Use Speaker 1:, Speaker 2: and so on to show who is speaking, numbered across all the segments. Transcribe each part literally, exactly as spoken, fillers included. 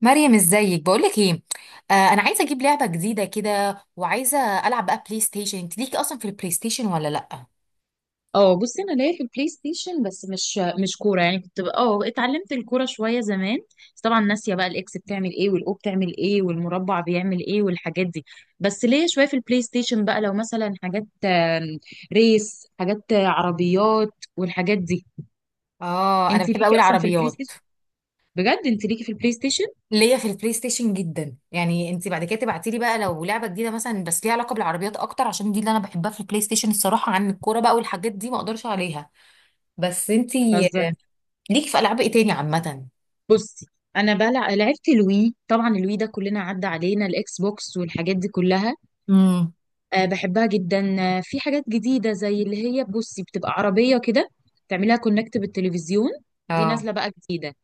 Speaker 1: مريم، ازيك؟ بقولك ايه، آه انا عايزه اجيب لعبه جديده كده وعايزه العب بقى بلاي ستيشن. انت ليكي اصلا في البلاي ستيشن ولا لا؟
Speaker 2: اه، بصي انا ليا في البلاي ستيشن، بس مش مش كوره. يعني كنت بقى- اه اتعلمت الكوره شويه زمان، بس طبعا ناسيه بقى الاكس بتعمل ايه والاو بتعمل ايه والمربع بيعمل ايه والحاجات دي. بس ليا شويه في البلاي ستيشن بقى، لو مثلا حاجات آم، ريس، حاجات آه، عربيات والحاجات دي.
Speaker 1: اه، انا
Speaker 2: انت
Speaker 1: بحب قوي
Speaker 2: ليكي اصلا في البلاي
Speaker 1: العربيات.
Speaker 2: ستيشن؟ بجد انت ليكي في البلاي ستيشن؟
Speaker 1: ليا في البلاي ستيشن جدا، يعني انت بعد كده تبعتي لي بقى لو لعبه جديده مثلا، بس ليها علاقه بالعربيات اكتر عشان دي اللي انا بحبها في البلاي ستيشن الصراحه، عن الكوره بقى والحاجات دي ما اقدرش عليها. بس انت
Speaker 2: بهزر.
Speaker 1: ليكي في العاب ايه تاني عامه؟
Speaker 2: بصي، انا بلع... لعبت الوي. طبعا الوي ده كلنا عدى علينا، الاكس بوكس والحاجات دي كلها.
Speaker 1: امم.
Speaker 2: آه، بحبها جدا. آه، في حاجات جديدة، زي اللي هي بصي بتبقى عربية كده تعملها كونكت بالتلفزيون. دي
Speaker 1: اه.
Speaker 2: نازلة بقى جديدة.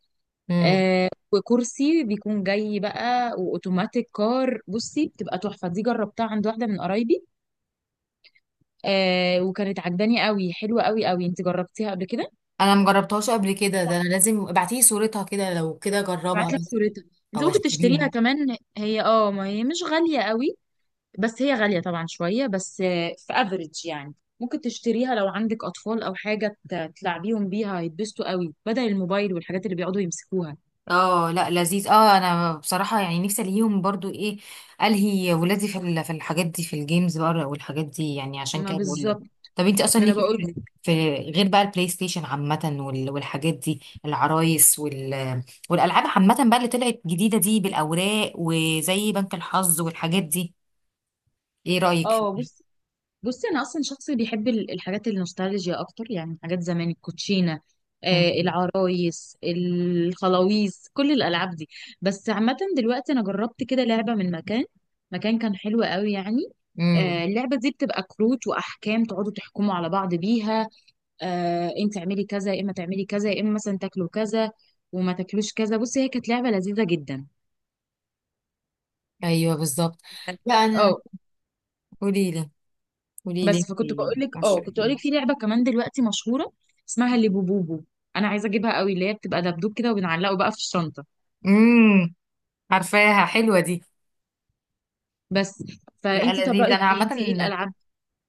Speaker 1: امم.
Speaker 2: آه، وكرسي بيكون جاي بقى، وأوتوماتيك كار بصي بتبقى تحفة. دي جربتها عند واحدة من قرايبي. آه، وكانت عجباني قوي، حلوة قوي قوي. انت جربتيها قبل كده؟
Speaker 1: انا مجربتهاش قبل كده، ده انا لازم ابعتي لي صورتها كده لو كده اجربها
Speaker 2: بعت لك
Speaker 1: بس.
Speaker 2: صورتها. انت
Speaker 1: او
Speaker 2: ممكن تشتريها
Speaker 1: اشتريها.
Speaker 2: كمان، هي اه ما هي مش غالية قوي. بس هي غالية طبعا شوية، بس آه، في افريج يعني. ممكن تشتريها لو عندك أطفال أو حاجة ت- تلعبيهم بيها، هيتبسطوا قوي بدل الموبايل والحاجات اللي بيقعدوا يمسكوها.
Speaker 1: اه لا، لذيذ، اه انا بصراحه يعني نفسي الهيهم برضو ايه، الهي ولادي في ال- في الحاجات دي، في الجيمز بقى والحاجات دي، يعني عشان
Speaker 2: ما
Speaker 1: كده بقول لك.
Speaker 2: بالظبط.
Speaker 1: طب انت اصلا
Speaker 2: ما أنا
Speaker 1: ليكي
Speaker 2: بقول
Speaker 1: في،
Speaker 2: لك.
Speaker 1: في غير بقى البلاي ستيشن عامه وال- والحاجات دي، العرايس وال والالعاب عامه بقى اللي طلعت جديده دي بالاوراق، وزي بنك الحظ والحاجات دي. ايه رايك
Speaker 2: اه،
Speaker 1: فيها؟
Speaker 2: بص. بصي، أنا أصلا شخص بيحب ال- الحاجات النوستالجيا أكتر. يعني حاجات زمان، الكوتشينة، آه،
Speaker 1: امم.
Speaker 2: العرايس، الخلاويص، كل الألعاب دي. بس عامة دلوقتي أنا جربت كده لعبة من مكان، مكان كان حلو قوي يعني.
Speaker 1: أمم.
Speaker 2: آه، اللعبة دي بتبقى كروت وأحكام تقعدوا تحكموا على بعض بيها. آه انت تعملي كذا يا اما تعملي كذا، يا اما مثلا تاكلوا كذا وما تاكلوش كذا. بصي، هي كانت لعبه لذيذه جدا.
Speaker 1: ايوه بالظبط. لا انا.
Speaker 2: اه.
Speaker 1: قولي لي قولي لي
Speaker 2: بس، فكنت بقول
Speaker 1: إنتي
Speaker 2: لك، اه
Speaker 1: عشان
Speaker 2: كنت بقول
Speaker 1: ايه؟
Speaker 2: لك في لعبه كمان دلوقتي مشهوره، اسمها اللي بوبوبو. انا عايزه اجيبها قوي، اللي هي بتبقى دبدوب كده وبنعلقه بقى في الشنطه.
Speaker 1: امم. عارفاها، حلوه دي.
Speaker 2: بس
Speaker 1: لا
Speaker 2: فانت طب
Speaker 1: لذيذ،
Speaker 2: رايك
Speaker 1: انا
Speaker 2: ايه؟
Speaker 1: عامه.
Speaker 2: انت ايه الالعاب،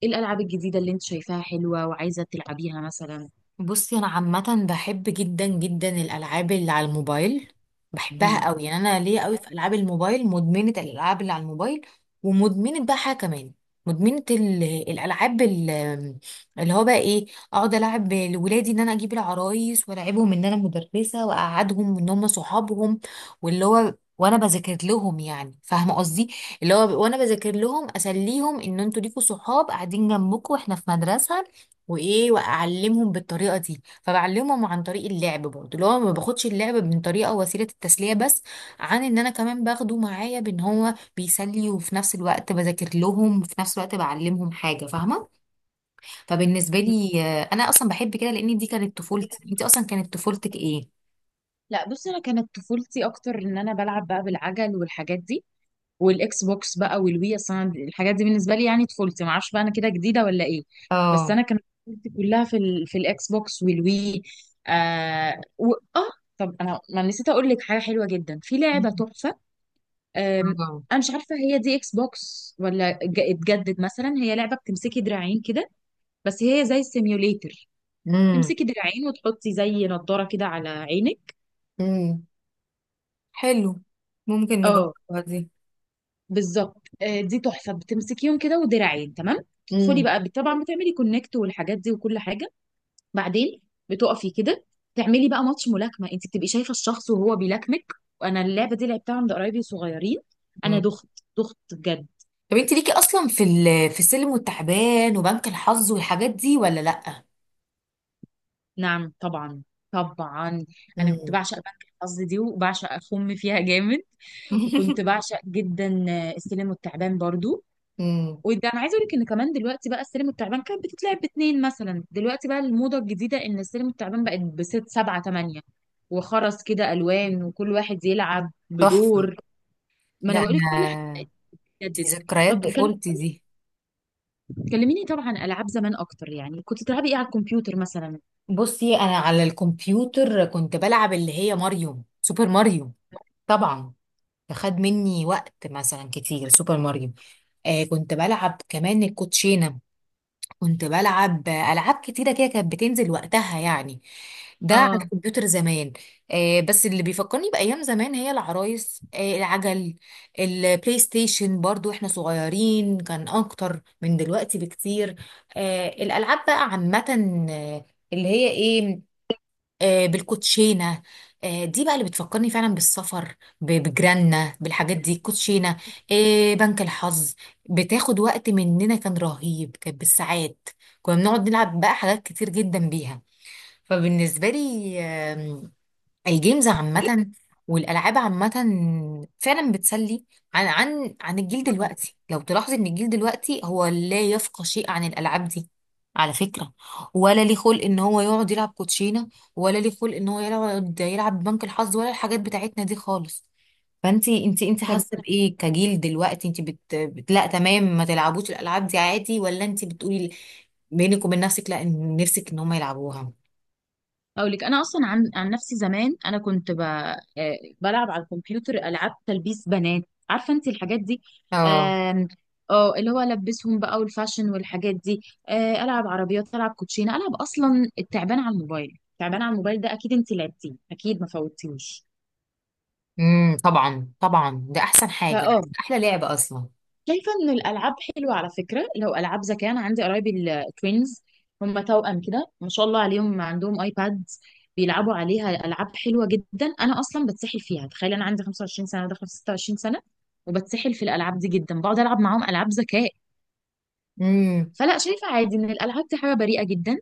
Speaker 2: ايه الالعاب الجديده اللي انت شايفاها حلوه وعايزه تلعبيها مثلا؟
Speaker 1: بصي انا عامه بحب جدا جدا الالعاب اللي على الموبايل، بحبها
Speaker 2: مم.
Speaker 1: قوي يعني، انا ليا قوي في العاب الموبايل، مدمنه الالعاب اللي على الموبايل، ومدمنه بقى حاجه كمان. مدمنه ال- الالعاب ال- اللي هو بقى ايه، اقعد العب لولادي، ان انا اجيب العرايس والعبهم، ان انا مدرسه واقعدهم ان هم صحابهم، واللي هو وانا بذاكر لهم، يعني فاهمه قصدي، اللي هو وانا بذاكر لهم اسليهم ان انتوا ليكوا صحاب قاعدين جنبكم واحنا في مدرسه، وايه، واعلمهم بالطريقه دي، فبعلمهم عن طريق اللعب، برضو اللي هو ما باخدش اللعب من طريقه وسيله التسليه بس، عن ان انا كمان باخده معايا بان هو بيسلي، وفي نفس الوقت بذاكر لهم، وفي نفس الوقت بعلمهم حاجه، فاهمه؟ فبالنسبه لي، آه، انا اصلا بحب كده لان دي كانت طفولتي. انت اصلا كانت طفولتك ايه؟
Speaker 2: لا، بصي، انا كانت طفولتي اكتر ان انا بلعب بقى بالعجل والحاجات دي، والاكس بوكس بقى والوي. اصلا الحاجات دي بالنسبه لي، يعني طفولتي، ما اعرفش بقى انا كده جديده ولا ايه. بس
Speaker 1: اه.
Speaker 2: انا كانت طفولتي كلها في ال... في الاكس بوكس والوي. آه و... اه طب انا ما نسيت اقول لك حاجه حلوه جدا، في لعبه تحفه. آم،
Speaker 1: اه.
Speaker 2: انا مش عارفه هي دي اكس بوكس ولا ج- اتجدد مثلا. هي لعبه بتمسكي دراعين كده، بس هي زي السيميوليتر.
Speaker 1: امم.
Speaker 2: تمسكي دراعين وتحطي زي نضاره كده على عينك.
Speaker 1: امم. حلو، ممكن
Speaker 2: اه،
Speaker 1: نجربها دي.
Speaker 2: بالظبط. آه، دي تحفه، بتمسكيهم كده، ودراعين، تمام. تدخلي بقى بت- طبعا بتعملي كونكت والحاجات دي وكل حاجه. بعدين بتقفي كده، تعملي بقى ماتش ملاكمه. انت بتبقي شايفه الشخص وهو بيلاكمك. وانا اللعبه دي لعبتها عند قرايبي صغيرين. انا
Speaker 1: امم.
Speaker 2: دخت، دخت بجد.
Speaker 1: طب انت ليكي اصلا في ال- في السلم والتعبان وبنك الحظ والحاجات دي ولا لا؟
Speaker 2: نعم طبعا، طبعا. انا كنت
Speaker 1: امم.
Speaker 2: بعشق بنك الحظ دي، وبعشق اخم فيها جامد. وكنت بعشق جدا، آه، السلم والتعبان برضو.
Speaker 1: امم.
Speaker 2: وده انا عايزه اقول لك ان كمان دلوقتي بقى، السلم التعبان كانت بتتلعب باتنين مثلا، دلوقتي بقى الموضه الجديده ان السلم التعبان بقت بست سبعه تمانيه، وخرز كده الوان، وكل واحد يلعب
Speaker 1: تحفه.
Speaker 2: بدور. ما انا
Speaker 1: لا
Speaker 2: بقول لك كل حاجه
Speaker 1: انا. دي
Speaker 2: جدد.
Speaker 1: ذكريات
Speaker 2: طب كلم-
Speaker 1: طفولتي دي.
Speaker 2: كلميني طبعا عن العاب زمان اكتر. يعني كنت تلعبي ايه على الكمبيوتر مثلا؟
Speaker 1: بصي انا على الكمبيوتر كنت بلعب اللي هي ماريو، سوبر ماريو طبعا، فخد مني وقت مثلا كتير سوبر ماريو. آه كنت بلعب كمان الكوتشينه، كنت بلعب ألعاب كتيرة كده، كانت بتنزل وقتها يعني، ده على
Speaker 2: اه.
Speaker 1: الكمبيوتر زمان. آه بس اللي بيفكرني بأيام زمان هي العرايس، آه العجل، البلاي ستيشن برضو احنا صغيرين كان أكتر من دلوقتي بكتير. آه الألعاب بقى عامة. آه، اللي هي ايه، آه، بالكوتشينه، آه، دي بقى اللي بتفكرني فعلا بالسفر، ب- بجيراننا بالحاجات دي، الكوتشينه، آه، بنك الحظ، بتاخد وقت مننا كان رهيب، كانت بالساعات، كنا بنقعد نلعب بقى حاجات كتير جدا بيها، فبالنسبه لي الجيمز عامة والألعاب عامة فعلا بتسلي، عن عن عن الجيل دلوقتي، لو تلاحظي إن الجيل دلوقتي هو لا يفقه شيء عن الألعاب دي على فكرة، ولا ليه خلق إن هو يقعد يلعب كوتشينة، ولا ليه خلق إن هو يقعد يلعب بنك الحظ ولا الحاجات بتاعتنا دي خالص. فانتي انتي انتي
Speaker 2: طب
Speaker 1: حاسة بإيه كجيل دلوقتي؟ انتي بت... بت... لا، تمام، ما تلعبوش الألعاب دي عادي، ولا انتي بتقولي بينك وبين نفسك لا، إن- نفسك إن هم يلعبوها.
Speaker 2: اقول لك، انا اصلا عن عن نفسي زمان، انا كنت ب... آه، بلعب على الكمبيوتر العاب تلبيس بنات، عارفه انت الحاجات دي.
Speaker 1: اه.
Speaker 2: آم، اه، اللي هو البسهم بقى والفاشن والحاجات دي. آه، العب عربيات، العب كوتشينه، العب اصلا التعبان على الموبايل. التعبان على الموبايل ده اكيد انت لعبتيه، اكيد ما فوتتيهوش.
Speaker 1: امم. طبعا، طبعا ده احسن حاجه،
Speaker 2: فاه،
Speaker 1: احلى لعبه اصلا.
Speaker 2: شايفة إن الألعاب حلوة على فكرة، لو ألعاب ذكاء. أنا عندي قرايبي التوينز، هم توأم كده ما شاء الله عليهم، عندهم آيباد بيلعبوا عليها ألعاب حلوة جدا. أنا أصلا بتسحل فيها. تخيل، أنا عندي خمسة وعشرين سنة وداخلة في ستة وعشرين سنة وبتسحل في الألعاب دي جدا، بقعد ألعب معاهم ألعاب ذكاء.
Speaker 1: امم.
Speaker 2: فلا، شايفة عادي ان الالعاب دي حاجة بريئة جدا،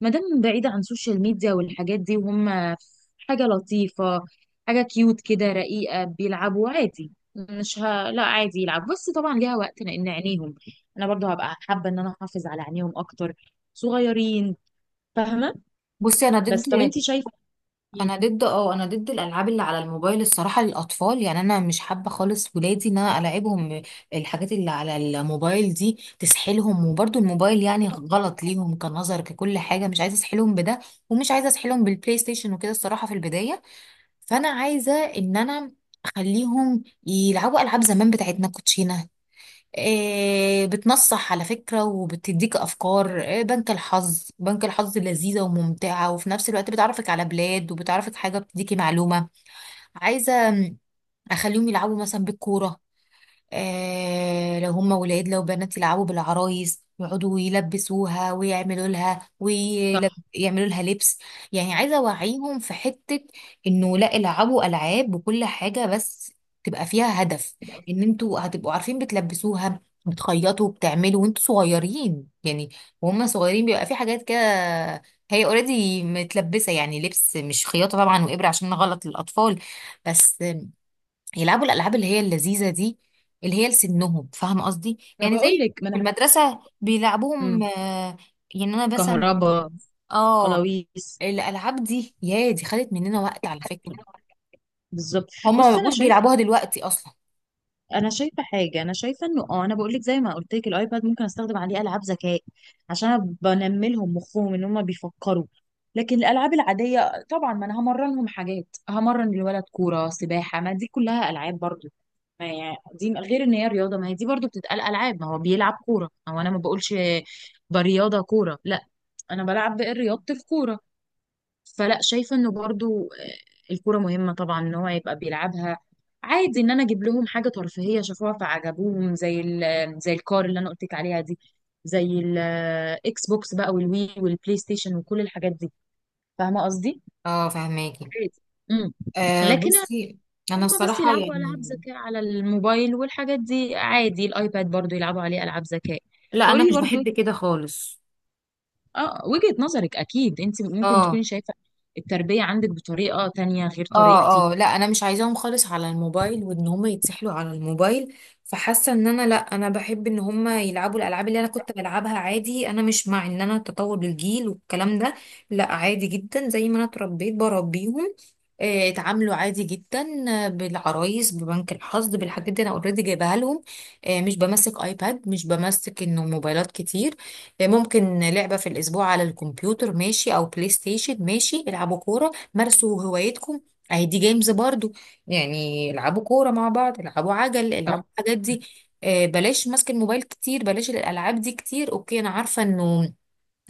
Speaker 2: ما دام بعيدة عن السوشيال ميديا والحاجات دي. وهم حاجة لطيفة، حاجة كيوت كده رقيقة، بيلعبوا عادي. مش ه... لا، عادي يلعب، بس طبعا ليها وقت لان عينيهم، انا برضو هبقى حابة ان انا احافظ على عينيهم اكتر، صغيرين، فاهمة.
Speaker 1: بصي انا
Speaker 2: بس
Speaker 1: ضد،
Speaker 2: طب انتي شايفة
Speaker 1: انا
Speaker 2: ايه؟
Speaker 1: ضد اه انا ضد الالعاب اللي على الموبايل الصراحه للاطفال يعني، انا مش حابه خالص ولادي ان انا العبهم الحاجات اللي على الموبايل دي، تسحلهم وبرضو الموبايل يعني غلط ليهم كنظر ككل حاجه، مش عايزه اسحلهم بده، ومش عايزه اسحلهم بالبلاي ستيشن وكده الصراحه في البدايه، فانا عايزه ان انا اخليهم يلعبوا العاب زمان بتاعتنا، كوتشينه، آه، بتنصح على فكرة وبتديك أفكار، آه، بنك الحظ، بنك الحظ لذيذة وممتعة، وفي نفس الوقت بتعرفك على بلاد، وبتعرفك حاجة، بتديكي معلومة، عايزة أخليهم يلعبوا مثلا بالكورة، آه لو هم ولاد، لو بنات يلعبوا بالعرايس، يقعدوا يلبسوها ويعملوا لها
Speaker 2: صح.
Speaker 1: ويعملوا لها لبس، يعني عايزه اوعيهم في حته انه لا، العبوا العاب وكل حاجه بس تبقى فيها هدف، ان انتوا هتبقوا عارفين بتلبسوها، بتخيطوا، بتعملوا وانتوا صغيرين يعني، وهم صغيرين بيبقى في حاجات كده، هي اوريدي متلبسه يعني لبس، مش خياطه طبعا وابره عشان غلط للاطفال، بس يلعبوا الالعاب اللي هي اللذيذه دي، اللي هي لسنهم، فاهمه قصدي؟
Speaker 2: انا
Speaker 1: يعني
Speaker 2: بقول
Speaker 1: زي
Speaker 2: لك، ما
Speaker 1: في
Speaker 2: انا،
Speaker 1: المدرسه بيلعبوهم،
Speaker 2: مم.
Speaker 1: آه، يعني انا مثلا،
Speaker 2: كهربا،
Speaker 1: اه،
Speaker 2: قلاويس.
Speaker 1: الالعاب دي يا دي خدت مننا وقت على فكره،
Speaker 2: بالظبط.
Speaker 1: هما ما
Speaker 2: بص انا
Speaker 1: بقوش
Speaker 2: شايفة،
Speaker 1: بيلعبوها دلوقتي اصلا.
Speaker 2: انا شايفه حاجه، انا شايفه انه، اه، انا بقول لك زي ما قلت لك، الايباد ممكن استخدم عليه العاب ذكاء، عشان أنا بنمي لهم مخهم ان هم بيفكروا. لكن الالعاب العاديه طبعا، ما انا همرنهم حاجات، همرن الولد كوره، سباحه، ما دي كلها العاب برضو. ما يعني دي غير ان هي رياضه، ما هي دي برضو بتتقال العاب. ما هو بيلعب كوره، هو انا ما بقولش برياضه كوره، لا، انا بلعب رياضه الكوره. فلا، شايفه انه برضو، آه، الكوره مهمه طبعا ان هو يبقى بيلعبها. عادي ان انا اجيب لهم حاجه ترفيهيه شافوها فعجبوهم، زي ال- زي الكار اللي انا قلت لك عليها دي، زي الاكس بوكس بقى والوي والبلاي ستيشن وكل الحاجات دي. فاهمه قصدي.
Speaker 1: اه، فهماكي.
Speaker 2: عادي. امم.
Speaker 1: آه
Speaker 2: لكن
Speaker 1: بصي انا
Speaker 2: هم بس
Speaker 1: الصراحه
Speaker 2: يلعبوا العاب
Speaker 1: يعني،
Speaker 2: ذكاء على الموبايل والحاجات دي عادي، الايباد برضو يلعبوا عليه العاب ذكاء.
Speaker 1: لا
Speaker 2: فقولي
Speaker 1: انا
Speaker 2: لي
Speaker 1: مش
Speaker 2: برضو،
Speaker 1: بحب كده خالص.
Speaker 2: اه، وجهة نظرك. اكيد انت ممكن
Speaker 1: اه،
Speaker 2: تكوني شايفه التربيه عندك بطريقه تانية غير طريقتي.
Speaker 1: اه، اه، لا انا مش عايزاهم خالص على الموبايل، وان هم يتسحلوا على الموبايل، فحاسه ان انا، لا انا بحب ان هم يلعبوا الالعاب اللي انا كنت بلعبها عادي، انا مش مع ان انا تطور الجيل والكلام ده، لا عادي جدا زي ما انا اتربيت بربيهم، آه، اتعاملوا عادي جدا، آه، بالعرايس، ببنك الحظ، بالحاجات دي انا اوريدي جايبها لهم، آه، مش بمسك ايباد، مش بمسك انه موبايلات كتير، آه، ممكن لعبه في الاسبوع على الكمبيوتر ماشي، او بلاي ستيشن ماشي، العبوا كوره، مارسوا هوايتكم، اهي دي جيمز برضو، يعني العبوا كورة مع بعض، العبوا عجل،
Speaker 2: صح.
Speaker 1: العبوا الحاجات دي، آه، بلاش ماسك الموبايل كتير، بلاش الالعاب دي كتير، اوكي انا عارفة انه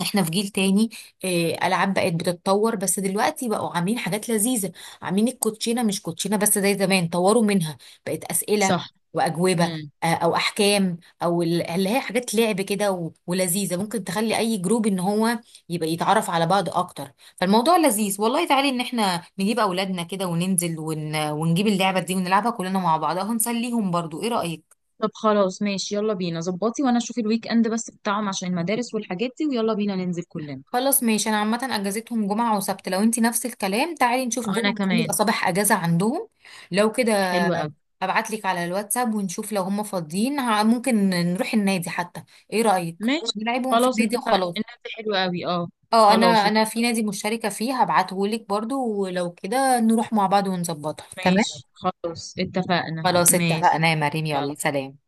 Speaker 1: احنا في جيل تاني، آه، العاب بقت بتتطور، بس دلوقتي بقوا عاملين حاجات لذيذه، عاملين الكوتشينه مش كوتشينه بس زي زمان، طوروا منها، بقت اسئله
Speaker 2: صح.
Speaker 1: واجوبه،
Speaker 2: مم.
Speaker 1: آه، او احكام، او ال- اللي هي حاجات لعب كده و- ولذيذه، ممكن تخلي اي جروب ان هو يبقى يتعرف على بعض اكتر، فالموضوع لذيذ والله، تعالي ان احنا نجيب اولادنا كده وننزل ون... ونجيب اللعبه دي، ونلعبها كلنا مع بعض، هنسليهم برضو، ايه رايك؟
Speaker 2: طب خلاص، ماشي، يلا بينا. ظبطي وانا اشوف الويك اند بس بتاعهم عشان المدارس والحاجات دي، ويلا بينا ننزل كلنا.
Speaker 1: خلاص ماشي، انا عامه اجازتهم جمعه وسبت، لو انتي نفس الكلام تعالي نشوف
Speaker 2: انا
Speaker 1: جمعه عشان يبقى
Speaker 2: كمان.
Speaker 1: صباح اجازه عندهم، لو كده
Speaker 2: حلو قوي.
Speaker 1: ابعتلك على الواتساب ونشوف لو هم فاضيين، ه- ممكن نروح النادي حتى، ايه رايك؟
Speaker 2: ماشي.
Speaker 1: نلعبهم في
Speaker 2: خلاص
Speaker 1: النادي
Speaker 2: اتفقنا،
Speaker 1: وخلاص.
Speaker 2: النبي حلو قوي. اه.
Speaker 1: اه، انا
Speaker 2: خلاص
Speaker 1: انا في
Speaker 2: اتفقنا،
Speaker 1: نادي مشتركه فيه، هبعتهولك برضو ولو كده نروح مع بعض ونظبطها تمام.
Speaker 2: ماشي. خلاص اتفقنا،
Speaker 1: خلاص
Speaker 2: ماشي،
Speaker 1: اتفقنا يا مريم، يلا
Speaker 2: يلا.
Speaker 1: سلام.